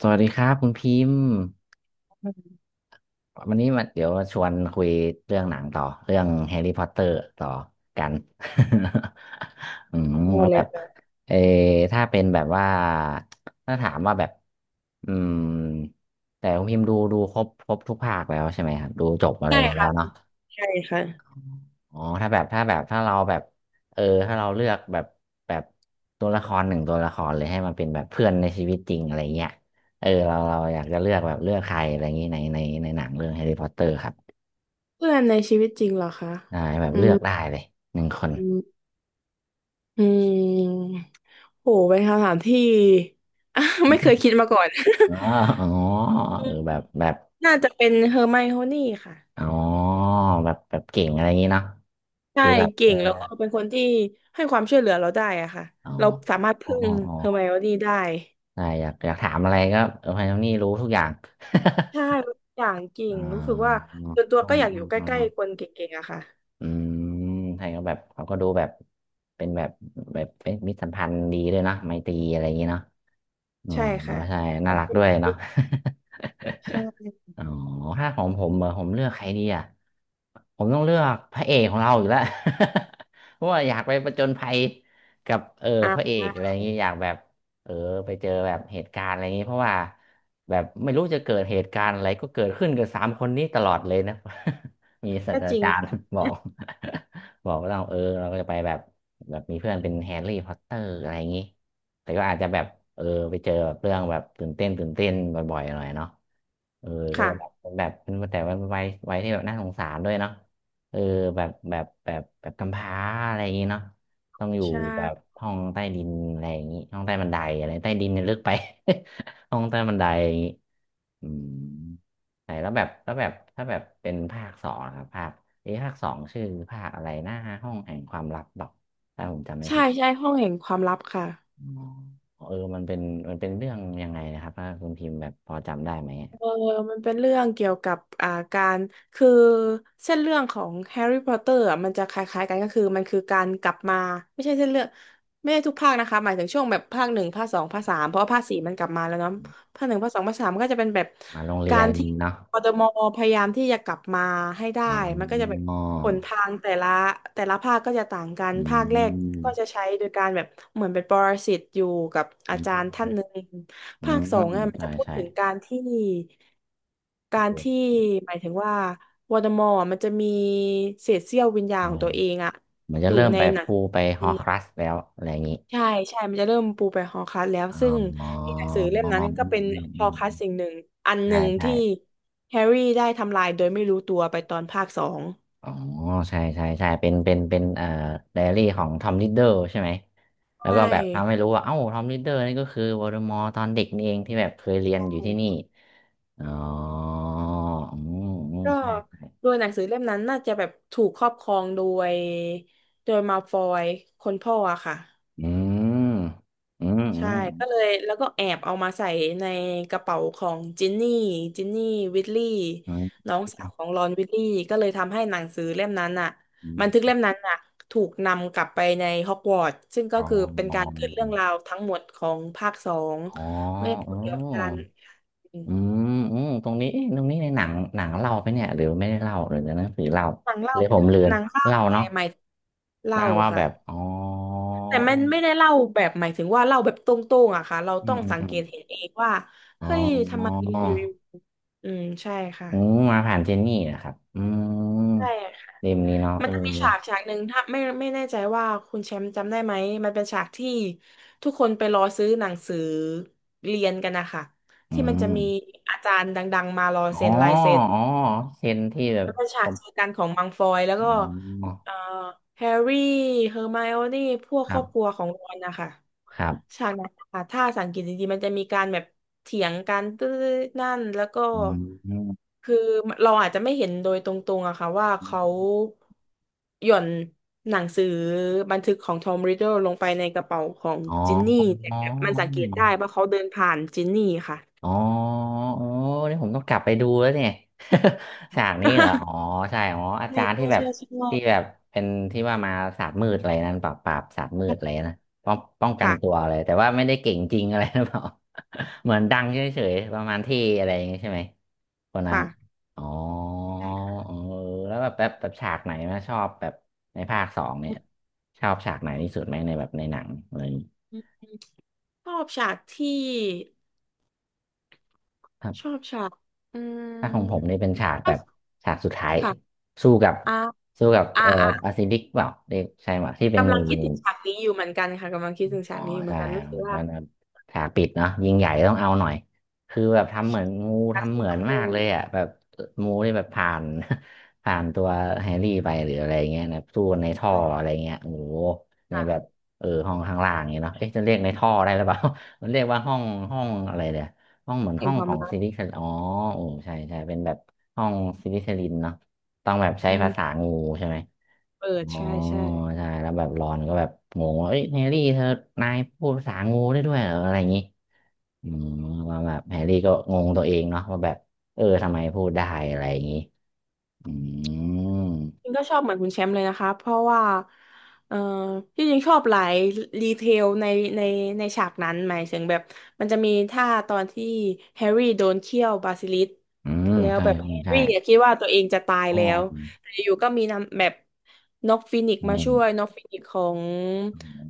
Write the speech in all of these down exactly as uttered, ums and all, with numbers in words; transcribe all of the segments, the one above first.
สวัสดีครับคุณพิมพ์อืมวันนี้มาเดี๋ยวชวนคุยเรื่องหนังต่อเรื่องแฮร์รี่พอตเตอร์ต่อกัน อืมได้แล้วเลแบยบค่ะเออถ้าเป็นแบบว่าถ้าถามว่าแบบอืมแต่คุณพิมพ์ดูดูครบครบทุกภาคแล้วใช่ไหมครับดูจบอะไรหมดแล้วเนาะ ใช่ค่ะอ๋อถ้าแบบถ้าแบบถ้าเราแบบเออถ้าเราเลือกแบบแบบตัวละครหนึ่งตัวละครเลยให้มันเป็นแบบเพื่อนในชีวิตจริงอะไรเงี้ยเออเราเราอยากจะเลือกแบบเลือกใครอะไรอย่างงี้ในในในหนังเรื่องแฮร์รี่พอตเตอร์ครับเพื่อนในชีวิตจริงเหรอคะอ่า้แบบอืเลืมอกได้เลยหนึ่งคน อืมอืมโหเป็นคำถามที่ ไม่เคยคิดมาก่อน อ๋ออ๋อเออแบบแบบ น่าจะเป็นเฮอร์ไมโอนี่ค่ะอ๋อแบบแบบเก่งอะไรอย่างงี้เนาะใช่ดูแบบเก่เอองแล้วก็เป็นคนที่ให้ความช่วยเหลือเราได้อะค่ะอ๋อเราสามารถอ๋อพึ่อ๋องอ๋อเฮอร์ไมโอนี่ได้ได้อยากอยากถามอะไรก็เออไพโอนี่รู้ทุกอย่าง ใช่อย่างเก่ อ๋งอรู้สึกว่าส่วนตัวอ๋อก็อยากอยู่ใกอ๋อ ล้ๆคนเก่งๆอะค่ะอืมไทยก็แบบเขาก็ดูแบบเป็นแบบแบบเป็นมิตรสัมพันธ์ดีด้วยเนาะไมตรีอะไรอย่างงี้เนาะอ๋อใช่ค่ะใช่คน่าวามรักช่วยด้วเหยลืเนาะ อใช่อ๋อถ้าของผมเหรอผมเลือกใครดีอ่ะผมต้องเลือกพระเอกของเราอยู่แล้ว เพราะว่าอยากไปผจญภัยกับเอออ่พระเอกอะไราอย่างงี้อยากแบบเออไปเจอแบบเหตุการณ์อะไรอย่างงี้เพราะว่าแบบไม่รู้จะเกิดเหตุการณ์อะไรก็เกิดขึ้นกับสามคนนี้ตลอดเลยนะ มีศาสก็ตจราริงจารย์ค่ะบอก บอกว่าเราเออเราก็จะไปแบบแบบมีเพื่อนเป็นแฮร์รี่พอตเตอร์อะไรอย่างงี้แต่ก็อาจจะแบบเออไปเจอแบบเรื่องแบบตื่นเต้นตื่นเต้นบ่อยๆหน่อยเนาะ เออก็ค่ะจะแบบเป็นแบบเป็นแต่ว่าวัยวัยที่แบบน่าสงสารด้วยเนาะเออแบบแบบแบบแบบกำพร้าอะไรอย่างงี้เนาะต้องอยู่ใชแบบ่ ห้องใต้ดินอะไรอย่างงี้ห้องใต้บันไดอะไรใต้ดินเนี่ยลึกไป ห้องใต้บันไดอย่างงี้อืมไหนแล้วแบบแล้วแบบถ้าแบบเป็นภาคสองนะครับภาคเอ๊ะภาคสองชื่อภาคอะไรนะห้องแห่งความลับหรอกถ้าผมจำไม่ใช่ผิดใช่ห้องแห่งความลับค่ะอ๋อเออมันเป็นมันเป็นเรื่องยังไงนะครับถ้าคุณพิมพ์แบบพอจำได้ไหม เออมันเป็นเรื่องเกี่ยวกับอ่าการคือเส้นเรื่องของแฮร์รี่พอตเตอร์อ่ะมันจะคล้ายๆกันก็คือมันคือการกลับมาไม่ใช่เส้นเรื่องไม่ใช่ทุกภาคนะคะหมายถึงช่วงแบบภาคหนึ่งภาคสองภาคสามเพราะว่าภาคสี่มันกลับมาแล้วเนาะ ภาคหนึ่งภาคสองภาคสามมันก็จะเป็นแบบมาโรงเรีกายรนที่เนาะกทมพยายามที่จะกลับมาให้ได้อ๋อมันก็จะแบบหนทางแต่ละแต่ละภาคก็จะต่างกันอืภาคแรกมก็จะใช้โดยการแบบเหมือนเป็นปรสิตอยู่กับอาอืจารย์ท่ามนหนึ่งอืภามคสองอ่ะมันใช่จะพูดใช่ถึงการที่การที่เออหมายถึงว่าวอร์มอร์มันจะมีเศษเสี้ยววิญญาณใช่ของตัวเองอ่ะเหมือนอจะยู่เริ่มในไปหนัง ปูไปฮอครัสแล้วอะไรอย่างนี้ใช่ใช่ มันจะเริ่มปูไปฮอลคัสแล้ว อ๋อซึ่งอ๋อในหนังสือเล่มอืมนั้นก็อืเป็นมฮอือลมคัสสิ่งหนึ่งอันหใช่นึ่งใช่ที่แฮร์รี่ได้ทำลายโดยไม่รู้ตัวไปตอนภาคสองอ๋อ ใช่ใช่ใช่เป็นเป็นเป็นเอ่อไดอารี่ของทอมลิดเดอร์ใช่ไหมแล้วใช่ก็แบบทำให้รู้ว่าเอ้าทอมลิดเดอร์นี่ก็คือวอลเดอมอร์ตอนเด็กนี่เองที่แบบเคยเรียนอยู่ที่นี่ อ๋ออืมอืมก็ใช่โดยหนังสือเล่มนั้นน่าจะแบบถูกครอบครองโดยโดยมาฟอยคนพ่ออะค่ะ อืมอืมอืใช่ม ก็เลยแล้วก็แอบเอามาใส่ในกระเป๋าของจินนี่จินนี่วิทลี่อืมน้องสาวของรอนวิทลี่ก็เลยทำให้หนังสือเล่มนั้นอ่ะอบันทึกมเล่มนั้นอ่ะถูกนำกลับไปในฮอกวอตส์ซึ่งก็อ๋อคือเป็นการขึ้นเรื่องราวทั้งหมดของภาคสองอ๋อเมื่อพูอ๋ดเกี่ยวกับการออืมอืมตรงนี้เอ๊ะตรงนี้ในหนังหนังเล่าไปเนี่ยหรือไม่ได้เล่าหรือในหนังสือเล่าหนังเล่าเลยผมเลือหนนังเล่าเล่าอะไรเนาะใหม่เล่านางว่าแบค่ะ บอ๋อแต่มันไม่ออได้เล่าแบบหมายถึงว่าเล่าแบบตรงๆอะค่ะเราอืต้อมงอืมสังอืเกมตเห็นเองว่าอ๋อเฮ้ยทำไมอยู่ๆอืมใช่ค่ะอืมมาผ่านเจนนี่นะครับอืมใช่ค่ะเล่มนี้เนาะมัเอนอจะมีฉากฉากหนึ่งถ้าไม่ไม่แน่ใจว่าคุณแชมป์จำได้ไหมมันเป็นฉากที่ทุกคนไปรอซื้อหนังสือเรียนกันนะคะอืที่มันจะมมีอาจารย์ดังๆมารออ๋อเซ็นลายเซ็นอ๋อเซนที่แบบมันเป็นฉาผกมเจอกันของมังฟอยแล้วอ๋ก็อเอ่อแฮร์รี่เฮอร์ไมโอนี่พวกคครัรอบครับวของรอนนะคะ ครับฉากนั้นค่ะถ้าสังเกตดีๆมันจะมีการแบบเถียงกันตื้อนั่นแล้วก็อืม คือเราอาจจะไม่เห็นโดยตรงๆอะค่ะว่าเขาหย่อนหนังสือบันทึกของทอมริดเดิลลงไปในกระเป๋าของอ๋อจินนี่แต่อ๋อมันสังเกตได้ว่าเขาเดินผ่านจินนี่ค่ะ อ๋อโอ้นี่ผมต้องกลับไปดูแล้วเนี่ย ฉากนี้เหรออ๋อ ใช่อ๋ออาใช่จารย์ใช่ที่แบบใช่ที่แบใช่บเป็นที่ว่ามาศาสตร์มืดอะไรนั่นปราบปราบศาสตร์มืดอะไรนะป้องป้องกันตัวค่ะเลยแต่ว่าไม่ได้เก่งจริงอะไรหรือ เปล่า เหมือนดังเฉยๆประมาณที่อะไรอย่างงี้ใช่ไหมคนนั้นค่ะอ๋อใช่ค่ะเออแล้วแบบแบบแบบฉากไหนนะชอบแบบในภาคสองเนี่ยชอบฉากไหนที่สุดไหมในแบบในหนังอะไรอย่างงี้ อืมชอบฉากที่ชอบฉากอืถ้าของผมมนี่เป็นฉากชแบอบบฉากสุดท้ายค่ะสู้กับอ่าสู้กับอ่าเอ่ออ่า อาซิลิกเปล่าเรียกใช่ไหมที่เป็นกำงู ลังคิดถึงฉากนี้อยู่เหมือนกันค่ะกำลังคิดถึงอ๋ฉาอกนี้อยู่เหมืใช่อนกันรู้สึกว่ามันแบบฉากปิดเนาะยิงใหญ่ต้องเอาหน่อยคือแบบทำเหมือนงูการทำเหสู้มือกันบมาเรื่องกเลยอ่ะแบบงูนี่แบบผ่าน ผ่านตัวแฮร์รี่ไปหรืออะไรเงี้ยนะสู้นในท่ออะไรใช่เงี้ยโอ้โหในค่ะแบบเออห้องข้างล่างเนี้ยเนาะเอ๊ะจะเรียกในท่อได้หรือเปล่า มันเรียกว่าห้องห้องอะไรเนี่ยห้องเหมือนแห่ห้งองควาขมองรักซิลิคอนอ๋อโอ้ใช่ใช่เป็นแบบห้องซิลิคลินเนาะต้องแบบใช้อืภามษางูใช่ไหม เปิดอ๋อใช่ใช่ ใช่แล้วแบบรอนก็แบบงงว่าเอ้ยแฮร์รี่เธอนายพูดภาษางูได้ด้วยเหรออะไรอย่างงี้อืมว่าแบบแฮร์รี่ก็งงตัวเองเนาะว่าแบบเออทำไมพูดได้อะไรอย่างงี้อืมจริงก็ชอบเหมือนคุณแชมป์เลยนะคะเพราะว่าเออที่จริงชอบหลายรีเทลในในในฉากนั้นหมายถึงแบบมันจะมีท่าตอนที่แฮร์รี่โดนเคี่ยวบาซิลิสก์อืมแล้วใช่แบบแฮร์ใช่รี่อะคิดว่าตัวเองจะตายอ๋อแล้วอืมแต่อยู่ก็มีนำแบบน็อกฟินิกซ์อืมาช่วยมน็อกฟินิกซ์ของ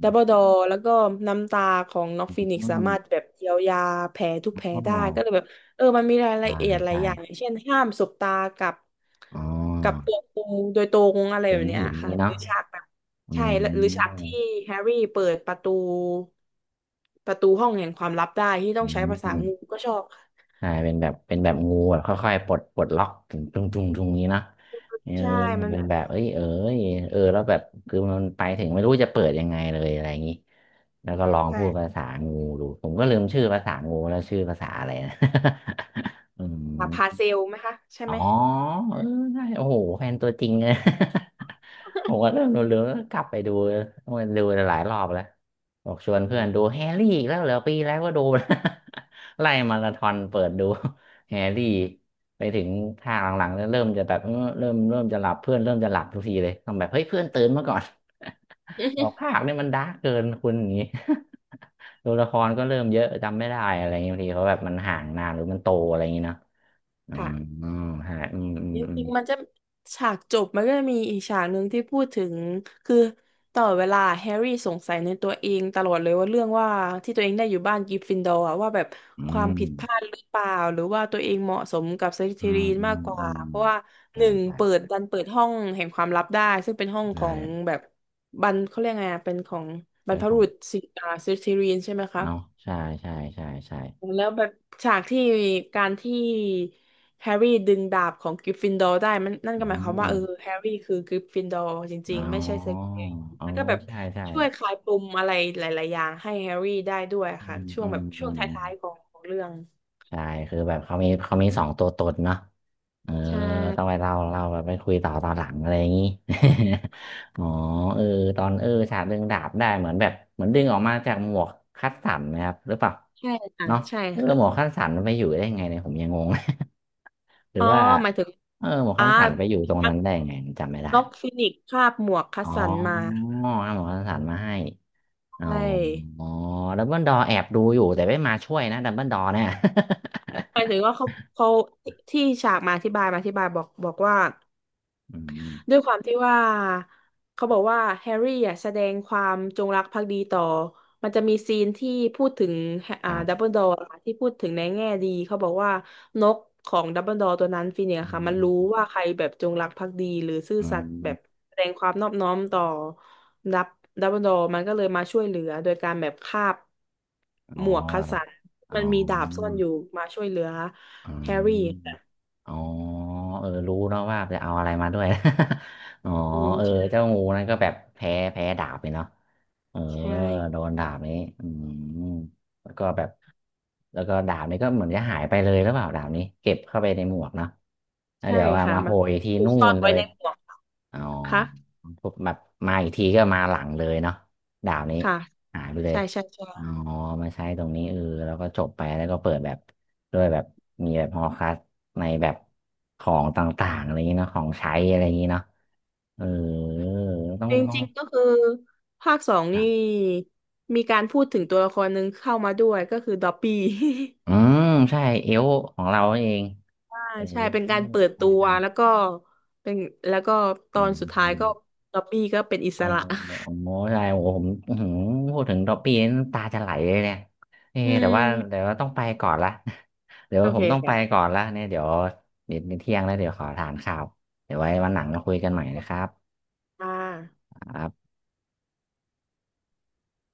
ดัมเบิลดอร์แล้วก็น้ำตาของน็อกอฟินิกซ์สาืมมารถแบบเยียวยาแผลทุกแผลอ๋ได้ก็เลยอแบบ เออมันมีรายอละเอียดช่าหลายใช่อย่างอย่าง เช่นห้ามสบตากับอ๋อกับตัวกูโดยตรงอะไรเป็แบนบเนี้หิยนค่ะนี้หเนาะรือฉากแบบอืใช่มแล้วหรือฉากที่แฮร์รี่เปิดประตูประตูห้องแห่งความลับได้ที่ต้ออืงใช้ภาษางูม ก็ชอบค่ะใช่เป็นแบบเป็นแบบงูแบบค่อยๆปลดปลดล็อกถึงจุงจุงจุงนี้เนาะเออใช่ มันเป็แบนบแบบเอ้ยเอ้ยเออแล้วแบบคือมันไปถึงไม่รู้จะเปิดยังไงเลยอะไรอย่างนี้แล้วก็ลองพูดภาใช่ษางูดูผมก็ลืมชื่อภาษางูแล้วชื่อภาษาอะไรนะ อืค่ะพามเซลไหมคะใช่อ๋อไหมเออใช่โอ้โหแฟนตัวจริงเลย ผมก็เริ่มเร็วๆแล้วกลับไปดูต้องไปดูหลายรอบแล้วบอกชวนอืเพื่อนดูม แฮร์รี่อีกแล้วเหรอปีแล้วก็ดูนะ ไล่มาราธอนเปิดดูแฮร์รี่ไปถึงภาคหลังๆแล้วเริ่มจะแบบเออเริ่มเริ่มจะหลับเพื่อนเริ่มจะหลับทุกทีเลยต้องแบบเฮ้ยเพื่อนตื่นมาก่อน บอกภาคเนี่ยมันดาร์กเกินคุณอย่างนี้ ตัวละครก็เริ่มเยอะจำไม่ได้อะไรอย่างเงี้ยบางทีเขาแบบมันห่างนานหรือมันโตอะไรอย่างเงี้ยเนาะอื ค่ะ มอืมใช่อืมอืมจอืมริงๆมันจะฉากจบมันก็จะมีอีกฉากหนึ่งที่พูดถึงคือตลอดเวลาแฮร์รี่สงสัยในตัวเองตลอดเลยว่าเรื่องว่าที่ตัวเองได้อยู่บ้านกริฟฟินดอร์อะว่าแบบอืความผิดพลาดมหรือเปล่าหรือว่าตัวเองเหมาะสมกับสลิอืธีมรินอืมามกกอืว่ามเพราะว่าหใช่นึ่งใช่เปิดดันเปิดห้องแห่งความลับได้ซึ่งเป็นห้องขใช่ องแบบบรรเขาเรียกไงอะเป็นของบรเป็รนพขบุอรุงษสิอ่าสลิธีรินใช่ไหมคะ เนาะใช่ใช่ใช่ใช่แล้วแบบฉากที่การที่แฮร์รี่ดึงดาบของกริฟฟินดอร์ได้มันนั่นอืก็หมายความว่ามเออแฮร์รี่คือกริฟฟินดอร์จริอ๋งๆไม่ใช่เซอเปียเอ๋อแล้วก็แบบใช่ใช่ช่วยคลายปมอะไรหลายๆอย่างให้แฮร์รี่ได้ด้วยอืค่ะมช่วอืงแบมบอืช่วงมท้ายๆของของเรื่องใช่คือแบบเขามีเขามีสองตัวตนเนาะเออใช่ต้องไปเล่าเล่าแบบไปคุยต่อตอนหลังอะไรอย่างงี้ อ๋อเออตอนเออฉากดึงดาบได้เหมือนแบบเหมือนดึงออกมาจากหมวกคัดสันนะครับหรือเปล่าใช่ค่ะเนาะใช่เออหมวกค่ะคัดสันมันไปอยู่ได้ไงเนี่ยผมยังงง หรือ๋ออว่าหมายถึงเออหมวกอ่าคัดสันไปอยู่ตรงมันั้นนได้ไงจำไม่ได้ น็อกฟินิกซ์คาบหมวกคัสอ๋สันมาอเอาหมอสสารมาให้ใชอ๋อ่อ๋อดับเบิลดอแอบดูอยู่แต่ไม่มาช่วยนะดับเบิลดอเนี่ย หมายถึงว่าเขาเขาที่ที่ฉากมาอธิบายมาอธิบายบอกบอกว่า อืด้มวยความที่ว่าเขาบอกว่าแฮร์รี่อ่ะแสดงความจงรักภักดีต่อมันจะมีซีนที่พูดถึงคอ่ารัดัมเบิบลดอร์ที่พูดถึงในแง่ดีเขาบอกว่านกของดัมเบิลดอร์ตัวนั้นฟีนิกซ์อือะค่ะมันรู้มว่าใครแบบจงรักภักดีหรือซื่ออืสัตย์แบบมแสดงความนอบน้อมต่อดับดัมเบิลดอร์มันก็เลยมาช่วยเหลือโดยการแบบคาบอ๋อหมวกคัสสันอ๋มันมีดาบซ่ออ นอยู่มาช่วยเหลืออืแฮร์รี่มอ๋อเออรู้เนาะว่าจะเอาอะไรมาด้วย อ๋ออืมเออใช่เจ้างูนั่นก็แบบแพ้แพ้ดาบไปเนาะ เออ ใช่ โดนดาบนี้ อืม แล้วก็แบบ แล้วก็ดาบนี้ก็เหมือนจะหายไปเลยหรือเปล่าดาบนี้เก็บเข้าไปในหมวกเนาะแล้วใช่เดี๋ยวว่าค่ะมาโผมัล่นอีกทีถูกนู่ซ่อนนเลไว้ย ในหมวกอ๋อค่ะปุ๊บแบบมาอีกทีก็มาหลังเลยเนาะดาบนี้ค่ะหายไปเลใช่ยใช่ใช่อ๋อมาใช้ตรงนี้เออแล้วก็จบไปแล้วก็เปิดแบบ ด้วยแบบมีแบบฮอลคัสในแบบของต่างๆอะไรอย่างนี้เนาะของใช้อะไรอย่างนี้เนาะเออต้องจรต้องิงๆก็คือภาคสองนี่อมีการพูดถึงตัวละครหนึ่งเข้ามาด้วยก็คือดอปปี้ อืมใช่เอวของเราเอง อ่า เออ ใช่เป็นการเปิดใช่ตัวใช่แล้วก็เป็นแล้วก็ตอือนมสุดอืท้ายมก็ดอปปี้ก็เป็นอิอสอระอ๋อใช่โอ้โหผมอื้อหือพูดถึงดอปปี้นี่น้ำตาจะไหลเลยเนี่ยเอออืแต่ว่าแต่มว่าต้องไปก่อนละ เดี๋ยวโอผเคมต้องไปค่ะก่อนละเนี่ยเดี๋ยวเดี๋ยวเที่ยงแล้วเดี๋ยวขอทานข้าวเดี๋ยวไว้วันหลังมาคุยกันใหม่นะครับอ่าครับ